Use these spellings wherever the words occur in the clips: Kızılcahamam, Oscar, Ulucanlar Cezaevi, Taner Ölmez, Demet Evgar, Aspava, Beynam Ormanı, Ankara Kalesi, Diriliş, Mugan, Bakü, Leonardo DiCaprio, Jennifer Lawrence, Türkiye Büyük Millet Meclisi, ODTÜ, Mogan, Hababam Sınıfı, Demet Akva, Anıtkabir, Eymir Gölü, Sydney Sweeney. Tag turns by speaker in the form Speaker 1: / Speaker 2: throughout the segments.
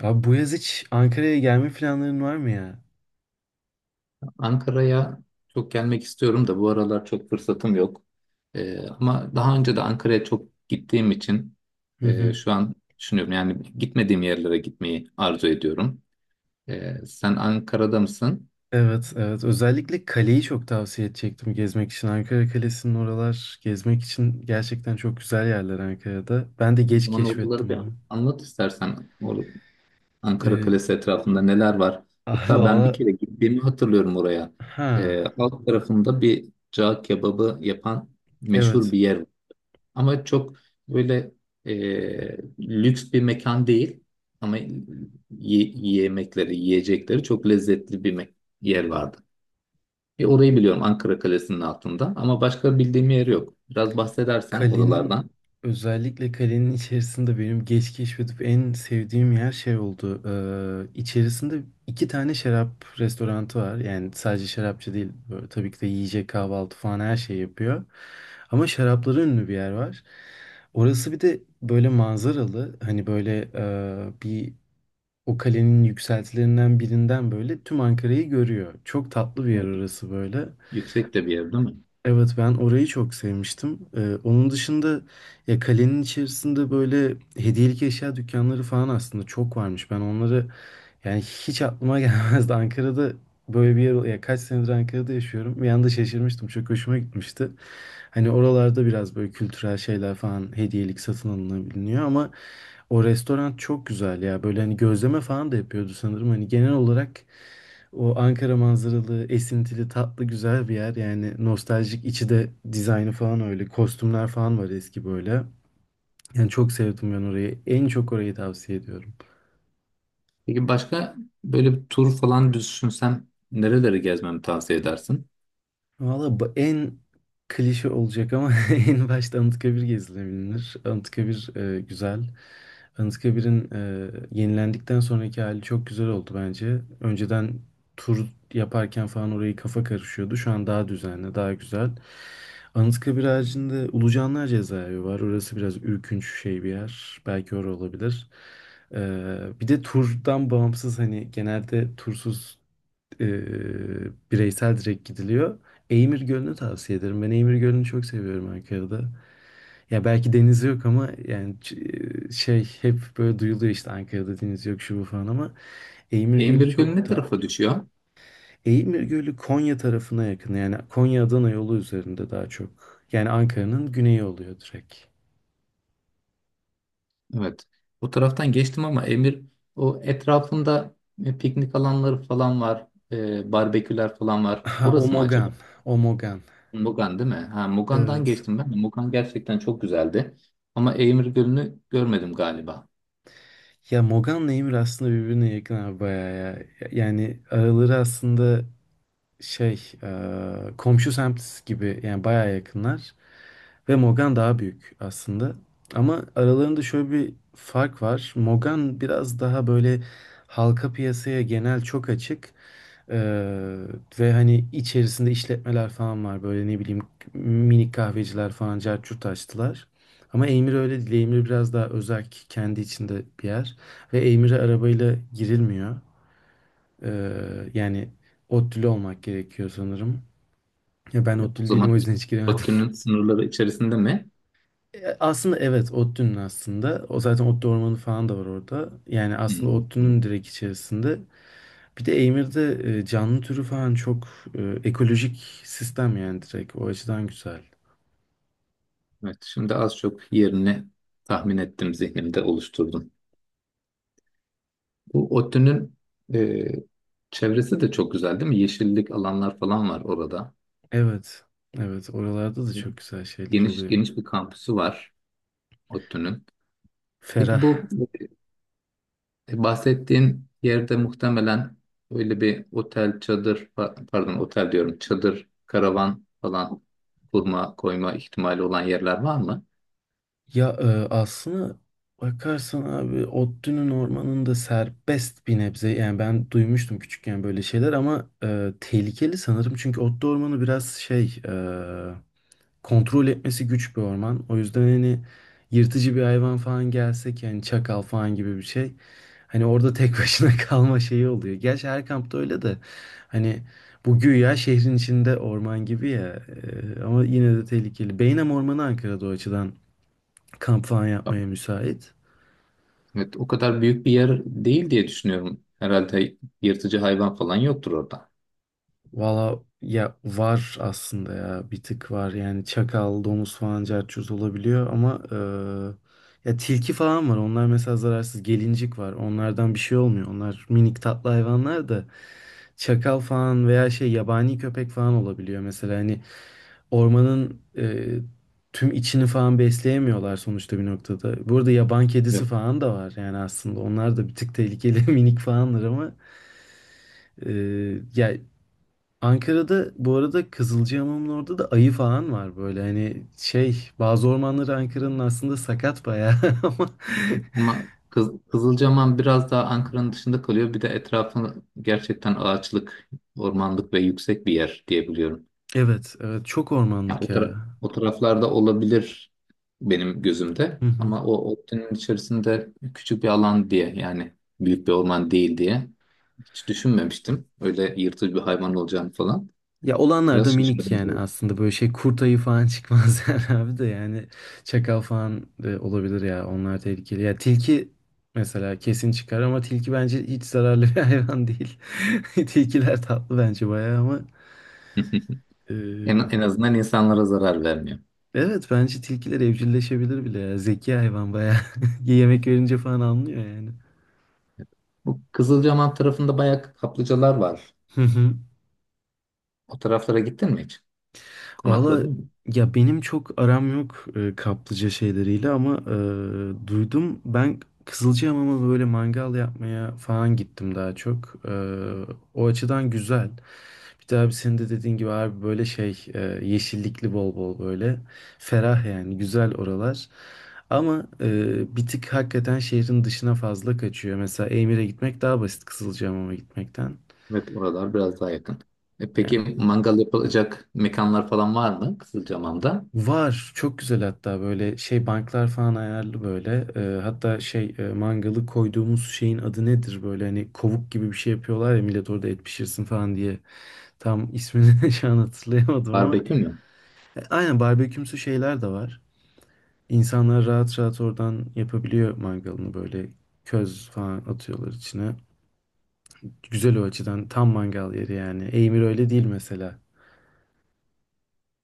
Speaker 1: Abi bu yaz hiç Ankara'ya gelme planların var mı ya?
Speaker 2: Ankara'ya çok gelmek istiyorum da bu aralar çok fırsatım yok. Ama daha önce de Ankara'ya çok gittiğim için
Speaker 1: Hı hı.
Speaker 2: şu an düşünüyorum, yani gitmediğim yerlere gitmeyi arzu ediyorum. Sen Ankara'da mısın?
Speaker 1: Evet, evet. Özellikle kaleyi çok tavsiye edecektim gezmek için. Ankara Kalesi'nin oralar gezmek için gerçekten çok güzel yerler Ankara'da. Ben de
Speaker 2: O
Speaker 1: geç
Speaker 2: zaman oraları bir
Speaker 1: keşfettim bu.
Speaker 2: anlat istersen. Ankara
Speaker 1: Ee,
Speaker 2: Kalesi etrafında neler var?
Speaker 1: ah,
Speaker 2: Hatta ben bir
Speaker 1: valla
Speaker 2: kere gittiğimi hatırlıyorum oraya.
Speaker 1: ha
Speaker 2: Alt tarafında bir cağ kebabı yapan meşhur
Speaker 1: evet.
Speaker 2: bir yer. Ama çok böyle lüks bir mekan değil. Ama yemekleri, yiyecekleri çok lezzetli bir yer vardı. E, orayı biliyorum Ankara Kalesi'nin altında ama başka bildiğim yer yok. Biraz bahsedersen
Speaker 1: Kalenin
Speaker 2: oralardan.
Speaker 1: Özellikle kalenin içerisinde benim geç keşfedip en sevdiğim yer şey oldu. İçerisinde iki tane şarap restoranı var. Yani sadece şarapçı değil. Böyle, tabii ki de yiyecek kahvaltı falan her şey yapıyor. Ama şarapları ünlü bir yer var. Orası bir de böyle manzaralı. Hani böyle bir o kalenin yükseltilerinden birinden böyle tüm Ankara'yı görüyor. Çok tatlı bir yer
Speaker 2: Evet,
Speaker 1: orası böyle.
Speaker 2: yüksek de bir yer değil mi?
Speaker 1: Evet ben orayı çok sevmiştim. Onun dışında ya kalenin içerisinde böyle hediyelik eşya dükkanları falan aslında çok varmış. Ben onları yani hiç aklıma gelmezdi. Ankara'da böyle bir yer ya kaç senedir Ankara'da yaşıyorum. Bir anda şaşırmıştım. Çok hoşuma gitmişti. Hani oralarda biraz böyle kültürel şeyler falan hediyelik satın alınabiliyor ama o restoran çok güzel ya. Böyle hani gözleme falan da yapıyordu sanırım. Hani genel olarak o Ankara manzaralı, esintili, tatlı, güzel bir yer. Yani nostaljik içi de dizaynı falan öyle. Kostümler falan var eski böyle. Yani çok sevdim ben orayı. En çok orayı tavsiye ediyorum.
Speaker 2: Peki başka böyle bir tur falan düşünsem nereleri gezmemi tavsiye edersin?
Speaker 1: Valla bu en klişe olacak ama en başta Anıtkabir gezilebilir. Anıtkabir güzel. Anıtkabir'in yenilendikten sonraki hali çok güzel oldu bence. Önceden tur yaparken falan orayı kafa karışıyordu. Şu an daha düzenli, daha güzel. Anıtkabir haricinde Ulucanlar Cezaevi var. Orası biraz ürkünç şey bir yer. Belki orası olabilir. E, bir de turdan bağımsız hani genelde tursuz e, bireysel direkt gidiliyor. Eymir Gölü'nü tavsiye ederim. Ben Eymir Gölü'nü çok seviyorum Ankara'da. Ya belki denizi yok ama yani şey hep böyle duyuluyor işte Ankara'da deniz yok şu bu falan ama Eymir Gölü
Speaker 2: Emirgöl
Speaker 1: çok
Speaker 2: ne
Speaker 1: tatlı.
Speaker 2: tarafa düşüyor?
Speaker 1: Eymir Gölü Konya tarafına yakın. Yani Konya-Adana yolu üzerinde daha çok. Yani Ankara'nın güneyi oluyor direkt.
Speaker 2: Evet. Bu taraftan geçtim ama Emir o etrafında piknik alanları falan var. E, barbeküler falan var.
Speaker 1: Ha,
Speaker 2: Orası mı acaba?
Speaker 1: Omogan. Omogan.
Speaker 2: Mugan değil mi? Ha, Mugan'dan
Speaker 1: Evet.
Speaker 2: geçtim ben de. Mugan gerçekten çok güzeldi. Ama Emir Gölü'nü görmedim galiba.
Speaker 1: Ya Mogan'la Emir aslında birbirine yakın abi bayağı ya. Yani araları aslında şey komşu semt gibi yani bayağı yakınlar ve Mogan daha büyük aslında. Ama aralarında şöyle bir fark var. Mogan biraz daha böyle halka piyasaya genel çok açık e, ve hani içerisinde işletmeler falan var böyle ne bileyim minik kahveciler falan carçurt açtılar. Ama Eymir öyle değil. Eymir biraz daha özerk kendi içinde bir yer ve Eymir'e arabayla girilmiyor. E, yani ODTÜ'lü olmak gerekiyor sanırım. Ya ben
Speaker 2: E, o
Speaker 1: ODTÜ'lü değilim
Speaker 2: zaman
Speaker 1: o yüzden hiç giremedim.
Speaker 2: Bakü'nün sınırları içerisinde mi?
Speaker 1: E, aslında evet ODTÜ'nün aslında. O zaten ODTÜ ormanı falan da var orada. Yani aslında
Speaker 2: Hmm.
Speaker 1: ODTÜ'nün direkt içerisinde. Bir de Eymir'de canlı türü falan çok ekolojik sistem yani direkt. O açıdan güzel.
Speaker 2: Evet. Şimdi az çok yerini tahmin ettim, zihnimde oluşturdum. Bu ODTÜ'nün e, çevresi de çok güzel değil mi? Yeşillik alanlar falan var orada.
Speaker 1: Evet. Evet oralarda da çok güzel şeyler
Speaker 2: Geniş
Speaker 1: oluyor.
Speaker 2: geniş bir kampüsü var ODTÜ'nün. Peki
Speaker 1: Ferah.
Speaker 2: bu bahsettiğin yerde muhtemelen öyle bir otel, çadır, pardon otel diyorum, çadır, karavan falan kurma, koyma ihtimali olan yerler var mı?
Speaker 1: Ya aslına bakarsan abi Ottu'nun ormanında serbest bir nebze yani ben duymuştum küçükken böyle şeyler ama tehlikeli sanırım çünkü Ottu ormanı biraz şey kontrol etmesi güç bir orman o yüzden hani yırtıcı bir hayvan falan gelsek yani çakal falan gibi bir şey hani orada tek başına kalma şeyi oluyor. Gerçi her kampta öyle de hani bu güya şehrin içinde orman gibi ya ama yine de tehlikeli. Beynam Ormanı Ankara'da o açıdan kamp falan yapmaya müsait.
Speaker 2: Evet, o kadar büyük bir yer değil diye düşünüyorum. Herhalde yırtıcı hayvan falan yoktur orada.
Speaker 1: Valla ya var aslında ya bir tık var yani çakal, domuz falan cerçuz olabiliyor ama ya tilki falan var onlar mesela zararsız gelincik var onlardan bir şey olmuyor onlar minik tatlı hayvanlar da çakal falan veya şey yabani köpek falan olabiliyor mesela hani ormanın tüm içini falan besleyemiyorlar sonuçta bir noktada. Burada yaban kedisi
Speaker 2: Evet.
Speaker 1: falan da var yani aslında onlar da bir tık tehlikeli minik falanlar ama Ee, ya Ankara'da bu arada Kızılcahamam'ın orada da ayı falan var böyle hani şey bazı ormanları Ankara'nın aslında sakat bayağı ama
Speaker 2: Ama Kız, Kızılcahamam biraz daha Ankara'nın dışında kalıyor. Bir de etrafı gerçekten ağaçlık, ormanlık ve yüksek bir yer diyebiliyorum.
Speaker 1: evet evet çok
Speaker 2: Yani
Speaker 1: ormanlık
Speaker 2: o,
Speaker 1: ya.
Speaker 2: o taraflarda olabilir benim gözümde,
Speaker 1: Hı hı.
Speaker 2: ama o ODTÜ'nün içerisinde küçük bir alan diye, yani büyük bir orman değil diye hiç düşünmemiştim. Öyle yırtıcı bir hayvan olacağını falan.
Speaker 1: Ya olanlar da
Speaker 2: Biraz
Speaker 1: minik
Speaker 2: şaşırdım
Speaker 1: yani
Speaker 2: bu.
Speaker 1: aslında böyle şey kurt ayı falan çıkmaz yani abi de yani çakal falan da olabilir ya onlar tehlikeli. Ya tilki mesela kesin çıkar ama tilki bence hiç zararlı bir hayvan değil. Tilkiler tatlı bence bayağı ama
Speaker 2: En, en azından insanlara zarar vermiyor.
Speaker 1: evet bence tilkiler evcilleşebilir bile ya. Zeki hayvan bayağı. Yemek verince falan anlıyor yani.
Speaker 2: Bu Kızılcahamam tarafında bayağı kaplıcalar var. O taraflara gittin mi hiç?
Speaker 1: Valla
Speaker 2: Konakladın mı?
Speaker 1: ya benim çok aram yok kaplıca şeyleriyle ama duydum ben Kızılcahamam'a böyle mangal yapmaya falan gittim daha çok. E, o açıdan güzel. Bir de abi senin de dediğin gibi abi böyle şey yeşillikli bol bol böyle ferah yani güzel oralar. Ama bir tık hakikaten şehrin dışına fazla kaçıyor. Mesela Emir'e gitmek daha basit Kızılcahamam'a gitmekten.
Speaker 2: Evet, oralar biraz daha yakın. E peki
Speaker 1: Yani
Speaker 2: mangal yapılacak mekanlar falan var mı Kızılcahamam'da?
Speaker 1: var. Çok güzel hatta böyle şey banklar falan ayarlı böyle. Hatta şey mangalı koyduğumuz şeyin adı nedir? Böyle hani kovuk gibi bir şey yapıyorlar ya millet orada et pişirsin falan diye. Tam ismini şu an hatırlayamadım ama.
Speaker 2: Barbekü mü?
Speaker 1: E, aynen barbekümsü şeyler de var. İnsanlar rahat rahat oradan yapabiliyor mangalını böyle köz falan atıyorlar içine. Güzel o açıdan tam mangal yeri yani. Eymir öyle değil mesela.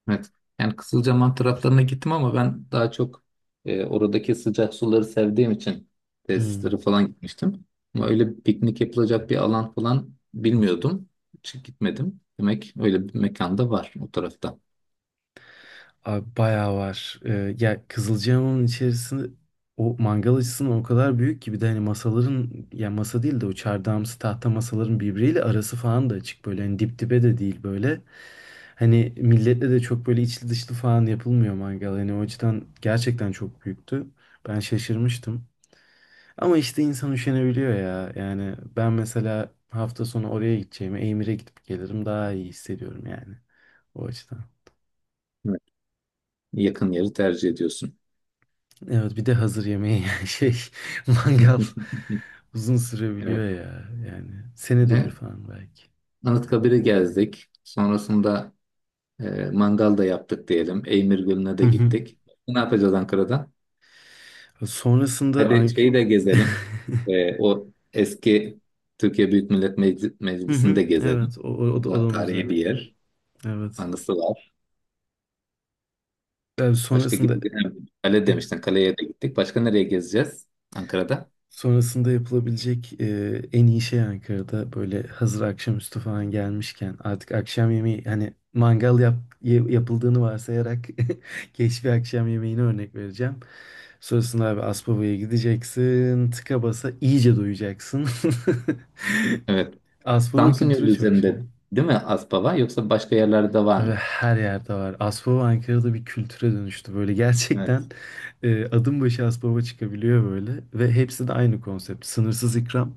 Speaker 2: Evet. Yani Kızılcahamam taraflarına gittim ama ben daha çok oradaki sıcak suları sevdiğim için
Speaker 1: Hmm.
Speaker 2: tesislere falan gitmiştim. Ama öyle piknik yapılacak bir alan falan bilmiyordum. Hiç gitmedim. Demek öyle bir mekan da var o tarafta.
Speaker 1: Abi bayağı var. Ya Kızılcahamam'ın içerisinde o mangal açısından o kadar büyük ki bir de hani masaların ya masa değil de o çardağımsı tahta masaların birbiriyle arası falan da açık böyle hani dip dibe de değil böyle. Hani milletle de çok böyle içli dışlı falan yapılmıyor mangal. Hani o açıdan gerçekten çok büyüktü. Ben şaşırmıştım. Ama işte insan üşenebiliyor ya. Yani ben mesela hafta sonu oraya gideceğime Emir'e gidip gelirim daha iyi hissediyorum yani o açıdan.
Speaker 2: Evet. Yakın yeri tercih ediyorsun.
Speaker 1: Evet bir de hazır yemeği yani şey mangal uzun sürebiliyor
Speaker 2: Evet.
Speaker 1: ya yani senede bir
Speaker 2: E,
Speaker 1: falan belki.
Speaker 2: Anıtkabir'i gezdik. Sonrasında mangal da yaptık diyelim. Eymir Gölü'ne
Speaker 1: Hı
Speaker 2: de
Speaker 1: hı.
Speaker 2: gittik. Ne yapacağız Ankara'da?
Speaker 1: Sonrasında
Speaker 2: Hadi
Speaker 1: Ank
Speaker 2: şeyi de gezelim. O eski Türkiye Büyük Millet
Speaker 1: hı
Speaker 2: Meclisi'ni
Speaker 1: hı,
Speaker 2: de gezelim.
Speaker 1: evet o, o, o da,
Speaker 2: Bu
Speaker 1: o
Speaker 2: da
Speaker 1: da müze.
Speaker 2: tarihi bir yer.
Speaker 1: Evet.
Speaker 2: Anısı var.
Speaker 1: Yani
Speaker 2: Başka
Speaker 1: sonrasında
Speaker 2: gidelim. Kale
Speaker 1: e,
Speaker 2: demiştin. Kaleye de gittik. Başka nereye gezeceğiz Ankara'da?
Speaker 1: sonrasında yapılabilecek en iyi şey Ankara'da böyle hazır akşamüstü falan gelmişken artık akşam yemeği hani mangal yapıldığını varsayarak geç bir akşam yemeğini örnek vereceğim. Sonrasında abi Aspava'ya gideceksin. Tıka basa iyice doyacaksın.
Speaker 2: Evet.
Speaker 1: Aspava
Speaker 2: Samsun yolu
Speaker 1: kültürü çok şey.
Speaker 2: üzerinde değil mi Aspava? Yoksa başka yerlerde var
Speaker 1: Abi
Speaker 2: mı?
Speaker 1: her yerde var. Aspava Ankara'da bir kültüre dönüştü. Böyle gerçekten
Speaker 2: Evet.
Speaker 1: adım başı Aspava çıkabiliyor böyle. Ve hepsi de aynı konsept. Sınırsız ikram.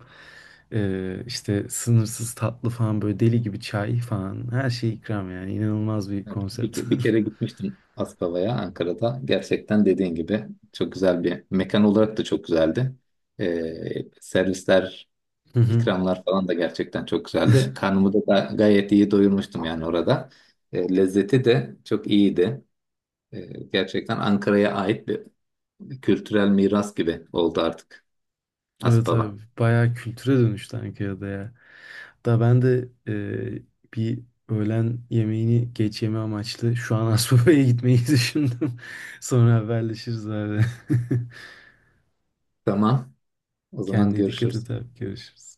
Speaker 1: İşte sınırsız tatlı falan böyle deli gibi çay falan. Her şey ikram yani. İnanılmaz bir
Speaker 2: Evet. Bir,
Speaker 1: konsept.
Speaker 2: bir kere gitmiştim Aspava'ya Ankara'da. Gerçekten dediğin gibi çok güzel bir mekan olarak da çok güzeldi. Servisler,
Speaker 1: Hı hı.
Speaker 2: İkramlar falan da gerçekten çok güzeldi. Karnımı da gayet iyi doyurmuştum yani orada. E, lezzeti de çok iyiydi. E, gerçekten Ankara'ya ait bir kültürel miras gibi oldu artık
Speaker 1: Evet
Speaker 2: Aspava.
Speaker 1: abi bayağı kültüre dönüştü Ankara'da ya. Da ben de bir öğlen yemeğini geç yeme amaçlı şu an Asbaba'ya gitmeyi düşündüm. Sonra haberleşiriz abi.
Speaker 2: Tamam. O zaman
Speaker 1: Kendine dikkat
Speaker 2: görüşürüz.
Speaker 1: et abi. Görüşürüz.